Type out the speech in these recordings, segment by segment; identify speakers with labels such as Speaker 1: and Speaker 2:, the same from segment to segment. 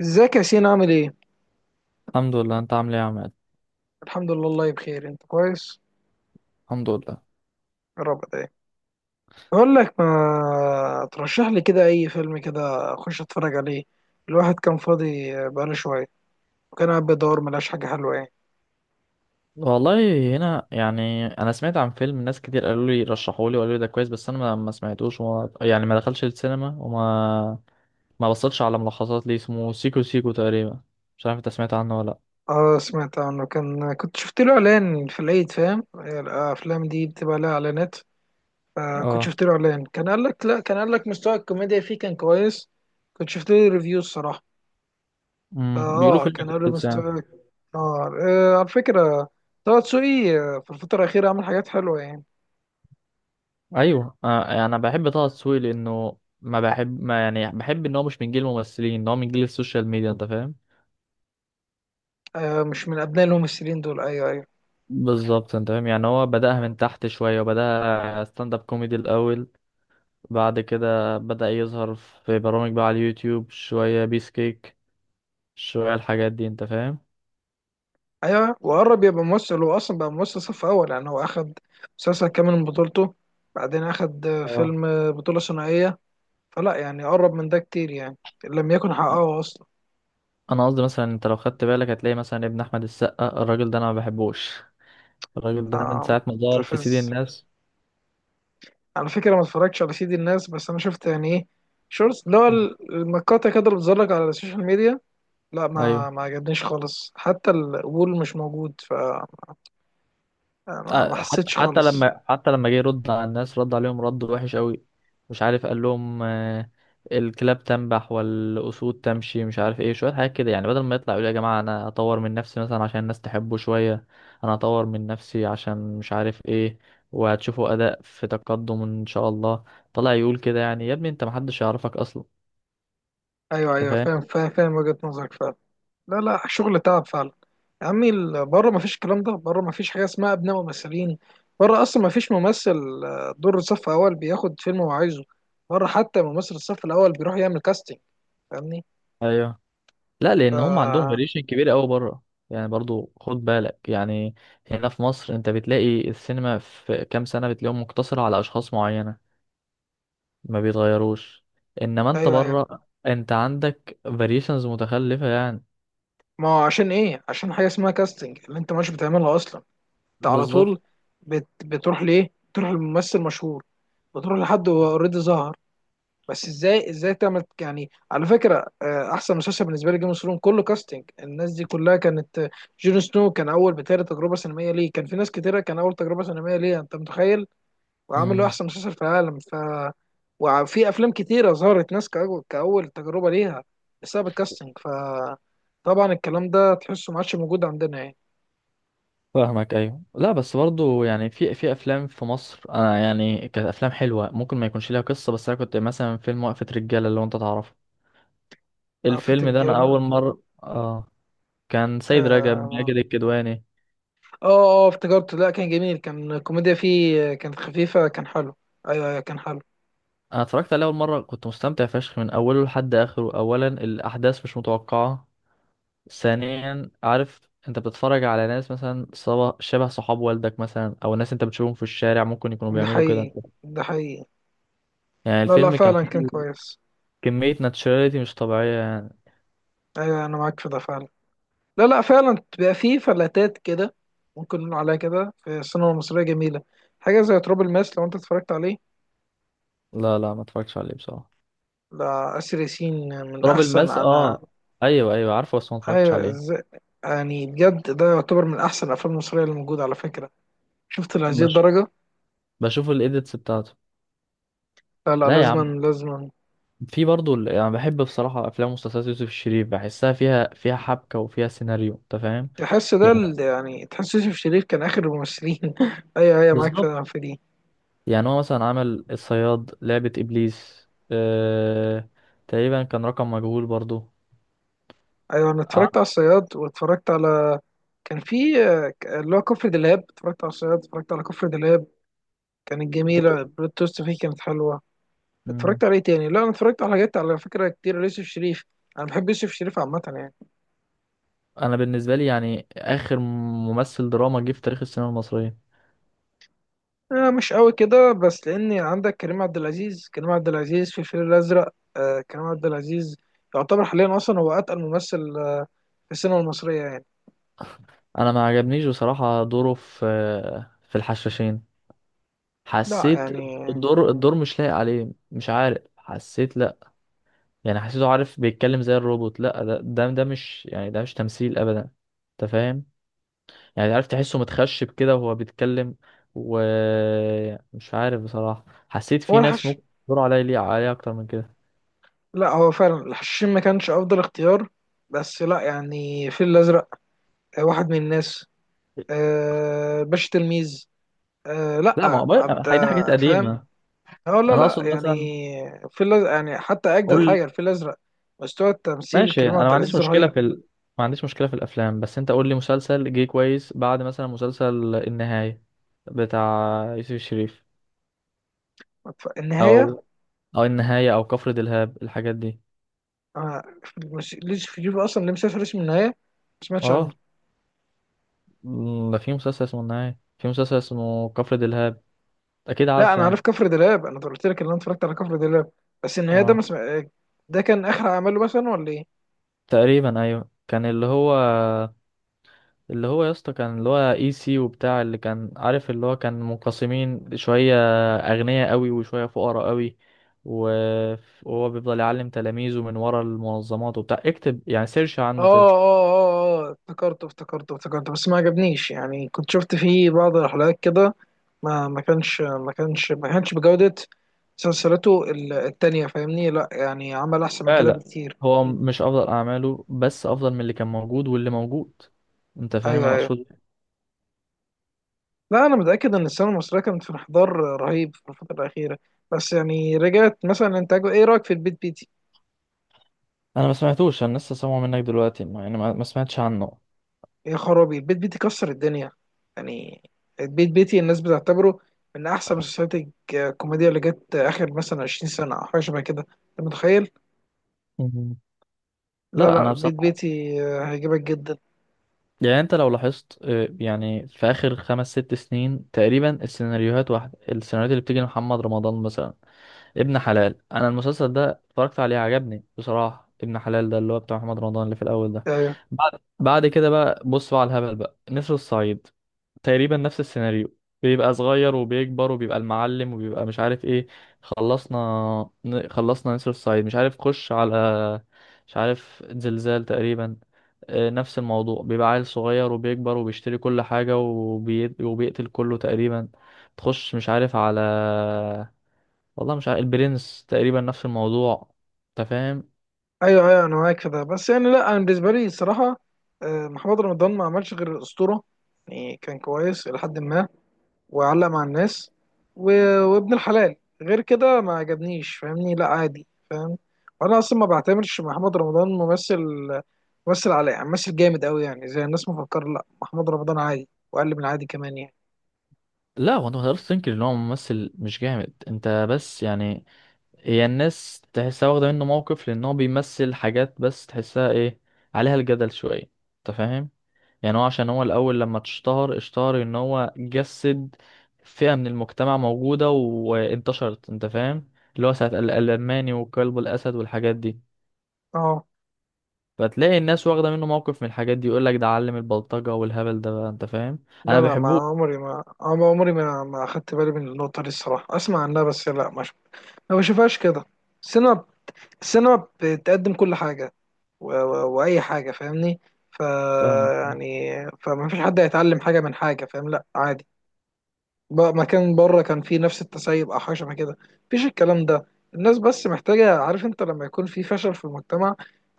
Speaker 1: ازيك يا سين، عامل ايه؟
Speaker 2: الحمد لله. انت عامل ايه يا عماد؟
Speaker 1: الحمد لله والله بخير، انت كويس؟
Speaker 2: الحمد لله
Speaker 1: يا رب دايما. بقول لك، ما ترشح لي كده اي فيلم كده اخش اتفرج عليه. الواحد كان فاضي بقاله شوية. وكان قاعد بيدور، ملاش حاجة حلوة يعني.
Speaker 2: والله. هنا يعني انا سمعت عن فيلم، ناس كتير قالوا لي، رشحوا لي وقالوا لي ده كويس، بس انا ما سمعتوش، وما يعني ما دخلش السينما، وما ما بصيتش على ملخصات ليه، اسمه سيكو سيكو تقريبا. مش عارف انت سمعت عنه ولا لا.
Speaker 1: اه، سمعت عنه، كنت شفت له اعلان في العيد، فاهم؟ الافلام دي بتبقى لها اعلانات. آه، كنت
Speaker 2: اه،
Speaker 1: شفت له اعلان، كان قال لك لا كان قال لك مستوى الكوميديا فيه كان كويس. كنت شفت له ريفيوز صراحة.
Speaker 2: بيقولوا
Speaker 1: اه،
Speaker 2: فيلم
Speaker 1: كان قبل ما
Speaker 2: كويس يعني.
Speaker 1: استواك. نار. آه، على فكرة. طه دسوقي، في الفترة الأخيرة عمل حاجات حلوة يعني.
Speaker 2: ايوه آه، يعني انا بحب طه دسوقي لانه ما بحب ما يعني بحب ان هو مش من جيل الممثلين، ان هو من جيل السوشيال ميديا. انت فاهم؟
Speaker 1: آه، مش من أبناء الممثلين دول. أيوه، أيوه.
Speaker 2: بالظبط. انت فاهم؟ يعني هو بدأها من تحت شويه، وبدأها ستاند اب كوميدي الاول. بعد كده بدأ يظهر في برامج بقى، على اليوتيوب شوية، بيس كيك شوية، الحاجات دي. انت فاهم؟
Speaker 1: أيوه، وقرب يبقى ممثل. هو أصلا بقى ممثل صف أول يعني. هو أخد مسلسل كامل من بطولته. بعدين أخد
Speaker 2: اه.
Speaker 1: فيلم بطولة ثنائية. فلا، يعني قرب من ده كتير يعني. لم يكن حققه أصلا.
Speaker 2: انا قصدي مثلا انت لو خدت بالك هتلاقي مثلا ابن احمد السقا، الراجل ده انا ما بحبوش. الراجل ده من
Speaker 1: آه،
Speaker 2: ساعة ما ظهر في سيدي
Speaker 1: مستفز.
Speaker 2: الناس.
Speaker 1: على فكرة ما اتفرجتش على سيد الناس، بس أنا شفت يعني إيه، شورتس، اللي هو
Speaker 2: مم.
Speaker 1: المقاطع كده اللي بتظهر لك على السوشيال ميديا. لا، ما
Speaker 2: ايوه.
Speaker 1: ما عجبنيش خالص، حتى القبول مش موجود. ف ما
Speaker 2: آه، حتى
Speaker 1: حسيتش
Speaker 2: حتى
Speaker 1: خالص.
Speaker 2: لما حتى لما جه يرد على الناس، رد عليهم رد وحش قوي. مش عارف قال لهم، الكلاب تنبح والأسود تمشي، مش عارف ايه، شوية حاجات كده يعني. بدل ما يطلع يقول يا جماعة، انا اطور من نفسي مثلا عشان الناس تحبه شوية، انا اطور من نفسي عشان مش عارف ايه، وهتشوفوا اداء في تقدم ان شاء الله. طلع يقول كده، يعني يا ابني انت محدش يعرفك اصلا.
Speaker 1: ايوه،
Speaker 2: انت
Speaker 1: ايوه،
Speaker 2: فاهم؟
Speaker 1: فاهم فاهم فاهم وجهة نظرك فعلا. لا، لا، شغل تعب فعلا. يا عمي، بره ما فيش الكلام ده، بره ما فيش حاجه اسمها ابناء ممثلين. بره اصلا ما فيش ممثل دور صف اول بياخد فيلم هو عايزه. بره حتى ممثل الصف الاول بيروح يعمل كاستنج. فاهمني؟
Speaker 2: ايوه لا، لان هم عندهم
Speaker 1: ف
Speaker 2: فاريشن كبير قوي بره. يعني برضو خد بالك، يعني هنا في مصر انت بتلاقي السينما في كام سنه، بتلاقيهم مقتصره على اشخاص معينه، ما بيتغيروش. انما انت
Speaker 1: ايوه، ايوه.
Speaker 2: بره انت عندك فاريشنز متخلفه يعني.
Speaker 1: ما هو عشان ايه؟ عشان حاجه اسمها كاستنج اللي انت مش بتعملها اصلا. انت على
Speaker 2: بالظبط.
Speaker 1: طول. بتروح ليه؟ تروح لممثل مشهور. بتروح لحد هو اوريدي ظهر. بس ازاي تعمل؟ يعني على فكره، احسن مسلسل بالنسبه لي جيم اوف ثرونز كله كاستنج. الناس دي كلها كانت جون سنو كان اول بتهيألي تجربه سينمائيه ليه. كان في ناس كتيره كان اول تجربه سينمائيه ليه، انت متخيل؟ وعامل له
Speaker 2: امم
Speaker 1: احسن مسلسل في العالم. ف وفي افلام كتيره ظهرت ناس كاول تجربه ليها بسبب الكاستنج. ف طبعا الكلام ده تحسه ما عادش موجود عندنا يعني.
Speaker 2: فاهمك. ايوه لا، بس برضو يعني في افلام في مصر، انا يعني كانت افلام حلوه، ممكن ما يكونش ليها قصه، بس انا كنت مثلا فيلم وقفه رجاله اللي هو انت تعرفه.
Speaker 1: عفة
Speaker 2: الفيلم ده انا
Speaker 1: الرجاله.
Speaker 2: اول مره، اه، كان سيد رجب، ماجد
Speaker 1: آه،
Speaker 2: الكدواني.
Speaker 1: اه، اه، افتكرته. لا، كان جميل، كان الكوميديا فيه كانت خفيفة، كان حلو. ايوه، ايوه، كان حلو.
Speaker 2: انا اتفرجت عليه اول مره، كنت مستمتع فشخ من اوله لحد اخره. اولا، الاحداث مش متوقعه. ثانيا، عارف انت بتتفرج على ناس مثلا شبه صحاب والدك مثلا، او ناس انت بتشوفهم في الشارع ممكن يكونوا
Speaker 1: ده
Speaker 2: بيعملوا كده،
Speaker 1: حقيقي. ده حقيقي.
Speaker 2: يعني
Speaker 1: لا، لا،
Speaker 2: الفيلم كان
Speaker 1: فعلا كان
Speaker 2: فيه
Speaker 1: كويس.
Speaker 2: كميه ناتشراليتي مش طبيعيه يعني.
Speaker 1: ايوه، انا معاك في ده فعلا. لا، لا، فعلا بتبقى فيه فلاتات كده. ممكن نقول عليها كده في السينما المصرية، جميلة. حاجة زي تراب الماس لو انت اتفرجت عليه.
Speaker 2: لا لا، ما اتفرجتش عليه بصراحه.
Speaker 1: لا، آسر ياسين. من
Speaker 2: تراب
Speaker 1: احسن
Speaker 2: الماس،
Speaker 1: انا.
Speaker 2: اه، ايوه ايوه عارفه، بس ما اتفرجتش
Speaker 1: ايوه،
Speaker 2: عليه.
Speaker 1: ازاي. يعني بجد ده يعتبر من احسن الافلام المصرية اللي موجودة على فكرة. شفت، لهذه
Speaker 2: بش...
Speaker 1: الدرجة.
Speaker 2: بشوف الايديتس بتاعته.
Speaker 1: لا، لا،
Speaker 2: لا يا
Speaker 1: لازما،
Speaker 2: عم،
Speaker 1: لازما.
Speaker 2: في برضه يعني بحب بصراحه افلام ومسلسلات يوسف الشريف، بحسها فيها حبكه وفيها سيناريو. انت فاهم؟
Speaker 1: تحس ده
Speaker 2: يعني
Speaker 1: يعني تحس يوسف شريف كان اخر الممثلين ايوه، ايوه، معاك
Speaker 2: بالظبط.
Speaker 1: فعلا في دي.
Speaker 2: يعني هو مثلا عمل الصياد، لعبة إبليس، تقريبا كان رقم مجهول برضو.
Speaker 1: ايوه، انا اتفرجت
Speaker 2: ع-
Speaker 1: على الصياد واتفرجت على كان في اللي هو كفر دلهاب. اتفرجت على الصياد، اتفرجت على كفر دلهاب. كانت جميله، البلوت توست فيه كانت حلوه.
Speaker 2: مم.
Speaker 1: اتفرجت على ايه تاني؟ لا، انا اتفرجت على حاجات على فكره كتير ليوسف شريف. انا بحب يوسف شريف عامه يعني.
Speaker 2: أنا بالنسبة لي يعني آخر ممثل دراما جه في تاريخ السينما المصرية.
Speaker 1: آه، مش قوي كده، بس لاني عندك كريم عبد العزيز. كريم عبد العزيز في الفيل الازرق، كريم عبد العزيز يعتبر حاليا اصلا هو اتقل ممثل في السينما المصريه يعني.
Speaker 2: أنا ما عجبنيش بصراحة دوره في الحشاشين،
Speaker 1: لا
Speaker 2: حسيت
Speaker 1: يعني.
Speaker 2: الدور مش لايق عليه، مش عارف، حسيت لأ. يعني حسيته، عارف بيتكلم زي الروبوت، لأ ده مش يعني، ده مش تمثيل أبدا. أنت فاهم؟ يعني عارف تحسه متخشب كده وهو بيتكلم. ومش عارف بصراحة حسيت
Speaker 1: هو
Speaker 2: في ناس
Speaker 1: الحش.
Speaker 2: ممكن يدوروا عليا ليه، عليا أكتر من كده.
Speaker 1: لا، هو فعلا الحشاشين ما كانش افضل اختيار. بس لا يعني الفيل الازرق، واحد من الناس، باشا تلميذ،
Speaker 2: لا، ما هو
Speaker 1: لا، عبد،
Speaker 2: هي دي حاجات
Speaker 1: فاهم.
Speaker 2: قديمة.
Speaker 1: اه، لا،
Speaker 2: أنا أقصد
Speaker 1: لا
Speaker 2: مثلا،
Speaker 1: يعني الفيل الازرق يعني حتى اجدد
Speaker 2: قول.
Speaker 1: حاجه الفيل الازرق. مستوى التمثيل
Speaker 2: ماشي،
Speaker 1: كريم
Speaker 2: أنا
Speaker 1: عبد
Speaker 2: ما عنديش
Speaker 1: العزيز
Speaker 2: مشكلة
Speaker 1: رهيب.
Speaker 2: في ال... ما عنديش مشكلة في الأفلام، بس أنت قول لي مسلسل جه كويس بعد مثلا مسلسل النهاية بتاع يوسف الشريف،
Speaker 1: النهايه.
Speaker 2: أو أو النهاية أو كفر دلهاب الحاجات دي.
Speaker 1: آه، مش ليش في جيبه اصلا، ليه مسافر اسم النهايه؟ ما سمعتش عنه.
Speaker 2: أه، ده في مسلسل اسمه النهاية، في مسلسل اسمه كفر دلهاب، أكيد
Speaker 1: لا،
Speaker 2: عارفه
Speaker 1: انا عارف
Speaker 2: يعني.
Speaker 1: كفر دلاب، انا قلت لك ان انا اتفرجت على كفر دلاب. بس النهايه ده ما
Speaker 2: أه،
Speaker 1: سمع... ده كان اخر عمله مثلا ولا ايه؟
Speaker 2: تقريبا ايوه، كان اللي هو يا اسطى، كان اللي هو اي سي وبتاع، اللي كان عارف اللي هو كان منقسمين شويه اغنياء قوي، وشويه فقراء قوي، و- وهو بيفضل يعلم تلاميذه من ورا المنظمات وبتاع، اكتب يعني سيرش
Speaker 1: اه،
Speaker 2: عنه كده.
Speaker 1: اه، اه، اه، افتكرته افتكرته افتكرته، بس ما عجبنيش يعني كنت شفت فيه بعض الحلقات كده. ما كانش بجودة مسلسلاته التانية. فاهمني؟ لا يعني عمل احسن من
Speaker 2: لا
Speaker 1: كده
Speaker 2: لا،
Speaker 1: بكتير.
Speaker 2: هو مش افضل اعماله بس افضل من اللي كان موجود واللي موجود. انت فاهم
Speaker 1: ايوه،
Speaker 2: انا
Speaker 1: ايوه.
Speaker 2: اقصد إيه؟
Speaker 1: لا، انا متأكد ان السينما المصرية كانت في انحدار رهيب في الفترة الأخيرة. بس يعني رجعت مثلا انتاجه. ايه رأيك في البيت بيتي؟
Speaker 2: انا ما سمعتوش، انا لسه سامعه منك دلوقتي، مع اني ما سمعتش عنه.
Speaker 1: يا خرابي، البيت بيتي كسر الدنيا. يعني البيت بيتي الناس بتعتبره من احسن مسلسلات الكوميديا اللي جت اخر مثلا 20 سنه او حاجه شبه كده. انت متخيل؟
Speaker 2: مهم.
Speaker 1: لا،
Speaker 2: لا
Speaker 1: لا،
Speaker 2: انا
Speaker 1: البيت
Speaker 2: بصراحه
Speaker 1: بيتي هيعجبك جدا.
Speaker 2: يعني، انت لو لاحظت يعني في اخر خمس ست سنين تقريبا، السيناريوهات واحده، السيناريوهات اللي بتيجي لمحمد رمضان مثلا، ابن حلال، انا المسلسل ده اتفرجت عليه عجبني بصراحه. ابن حلال ده اللي هو بتاع محمد رمضان اللي في الاول ده،
Speaker 1: ايوه،
Speaker 2: بعد كده بقى، بص بقى على الهبل، بقى نسر الصعيد تقريبا نفس السيناريو. بيبقى صغير وبيكبر وبيبقى المعلم وبيبقى مش عارف ايه. خلصنا خلصنا نسر الصعيد، مش عارف خش على، مش عارف زلزال تقريبا، نفس الموضوع. بيبقى عيل صغير وبيكبر وبيشتري كل حاجة وبيقتل كله تقريبا. تخش مش عارف على، والله مش عارف، البرنس تقريبا نفس الموضوع. انت فاهم؟
Speaker 1: ايوه، ايوه، انا معاك في ده. بس يعني لا، انا بالنسبه لي الصراحه، محمد رمضان ما عملش غير الاسطوره. يعني كان كويس الى حد ما، وعلق مع الناس، وابن الحلال. غير كده ما عجبنيش، فاهمني؟ لا عادي، فاهم. وانا اصلا ما بعتبرش محمد رمضان ممثل، مثل على مثل جامد قوي يعني زي الناس مفكر. لا، محمد رمضان عادي واقل من عادي كمان يعني.
Speaker 2: لا هو انت ما تقدرش تنكر ان هو ممثل مش جامد، انت بس يعني هي الناس تحسها واخده منه موقف، لان هو بيمثل حاجات بس تحسها ايه، عليها الجدل شويه. انت فاهم؟ يعني هو عشان هو الاول لما اتشهر، اشتهر ان هو جسد فئه من المجتمع موجوده وانتشرت. انت فاهم؟ اللي هو ساعه الالماني وكلب الاسد والحاجات دي.
Speaker 1: اه،
Speaker 2: فتلاقي الناس واخدة منه موقف من الحاجات دي، يقول لك ده علم البلطجة والهبل ده بقى. انت فاهم؟
Speaker 1: لا،
Speaker 2: انا
Speaker 1: لا، ما
Speaker 2: بحبوش.
Speaker 1: عمري ما عم- عمري ما ما اخدت بالي من النقطة دي الصراحة، اسمع عنها، بس لا ما بشوفهاش كده. السينما السينما بتقدم كل حاجة واي حاجة، فاهمني. ف
Speaker 2: فاهمك.
Speaker 1: يعني فما فيش حد هيتعلم حاجة من حاجة، فاهم؟ لا عادي. بقى مكان بره كان فيه نفس التسيب او حاجه شبه كده. مفيش الكلام ده. الناس بس محتاجه. عارف انت لما يكون في فشل في المجتمع،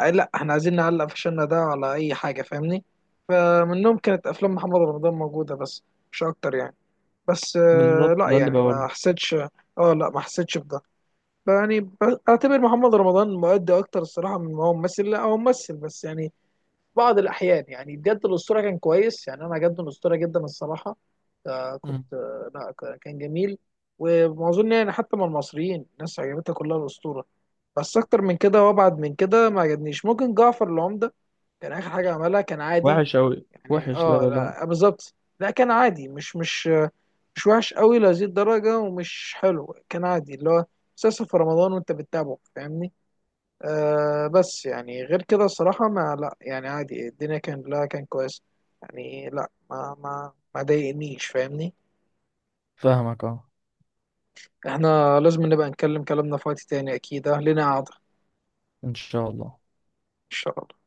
Speaker 1: لا احنا عايزين نعلق فشلنا ده على اي حاجه، فاهمني؟ فمنهم كانت افلام محمد رمضان موجوده، بس مش اكتر يعني. بس
Speaker 2: بالظبط،
Speaker 1: لا
Speaker 2: ده اللي
Speaker 1: يعني
Speaker 2: بقوله.
Speaker 1: ما حسيتش. اه، لا ما حسيتش بده. يعني اعتبر محمد رمضان مؤدي اكتر الصراحه من ما هو ممثل. لا هو ممثل بس يعني بعض الأحيان يعني بجد الأسطورة كان كويس، يعني أنا عجبني الأسطورة جدا الصراحة. كنت
Speaker 2: مم.
Speaker 1: لا كان جميل. ومعظم يعني حتى من المصريين، الناس عجبتها كلها الأسطورة. بس أكتر من كده وأبعد من كده ما عجبنيش. ممكن جعفر العمدة كان آخر حاجة عملها، كان عادي
Speaker 2: وحش اوي
Speaker 1: يعني.
Speaker 2: وحش، لا
Speaker 1: اه،
Speaker 2: لا لا.
Speaker 1: لا بالظبط. لا كان عادي، مش مش وحش قوي لهذه الدرجة، ومش حلو. كان عادي اللي هو مسلسل في رمضان وأنت بتتابعه، فاهمني؟ آه، بس يعني غير كده الصراحة، ما لا يعني عادي الدنيا كان. لا كان كويس يعني. لا ما ضايقنيش، فاهمني؟
Speaker 2: فاهمك اه.
Speaker 1: احنا لازم نبقى نتكلم كلامنا في وقت تاني، اكيد لنا قعدة ان
Speaker 2: ان شاء الله.
Speaker 1: شاء الله.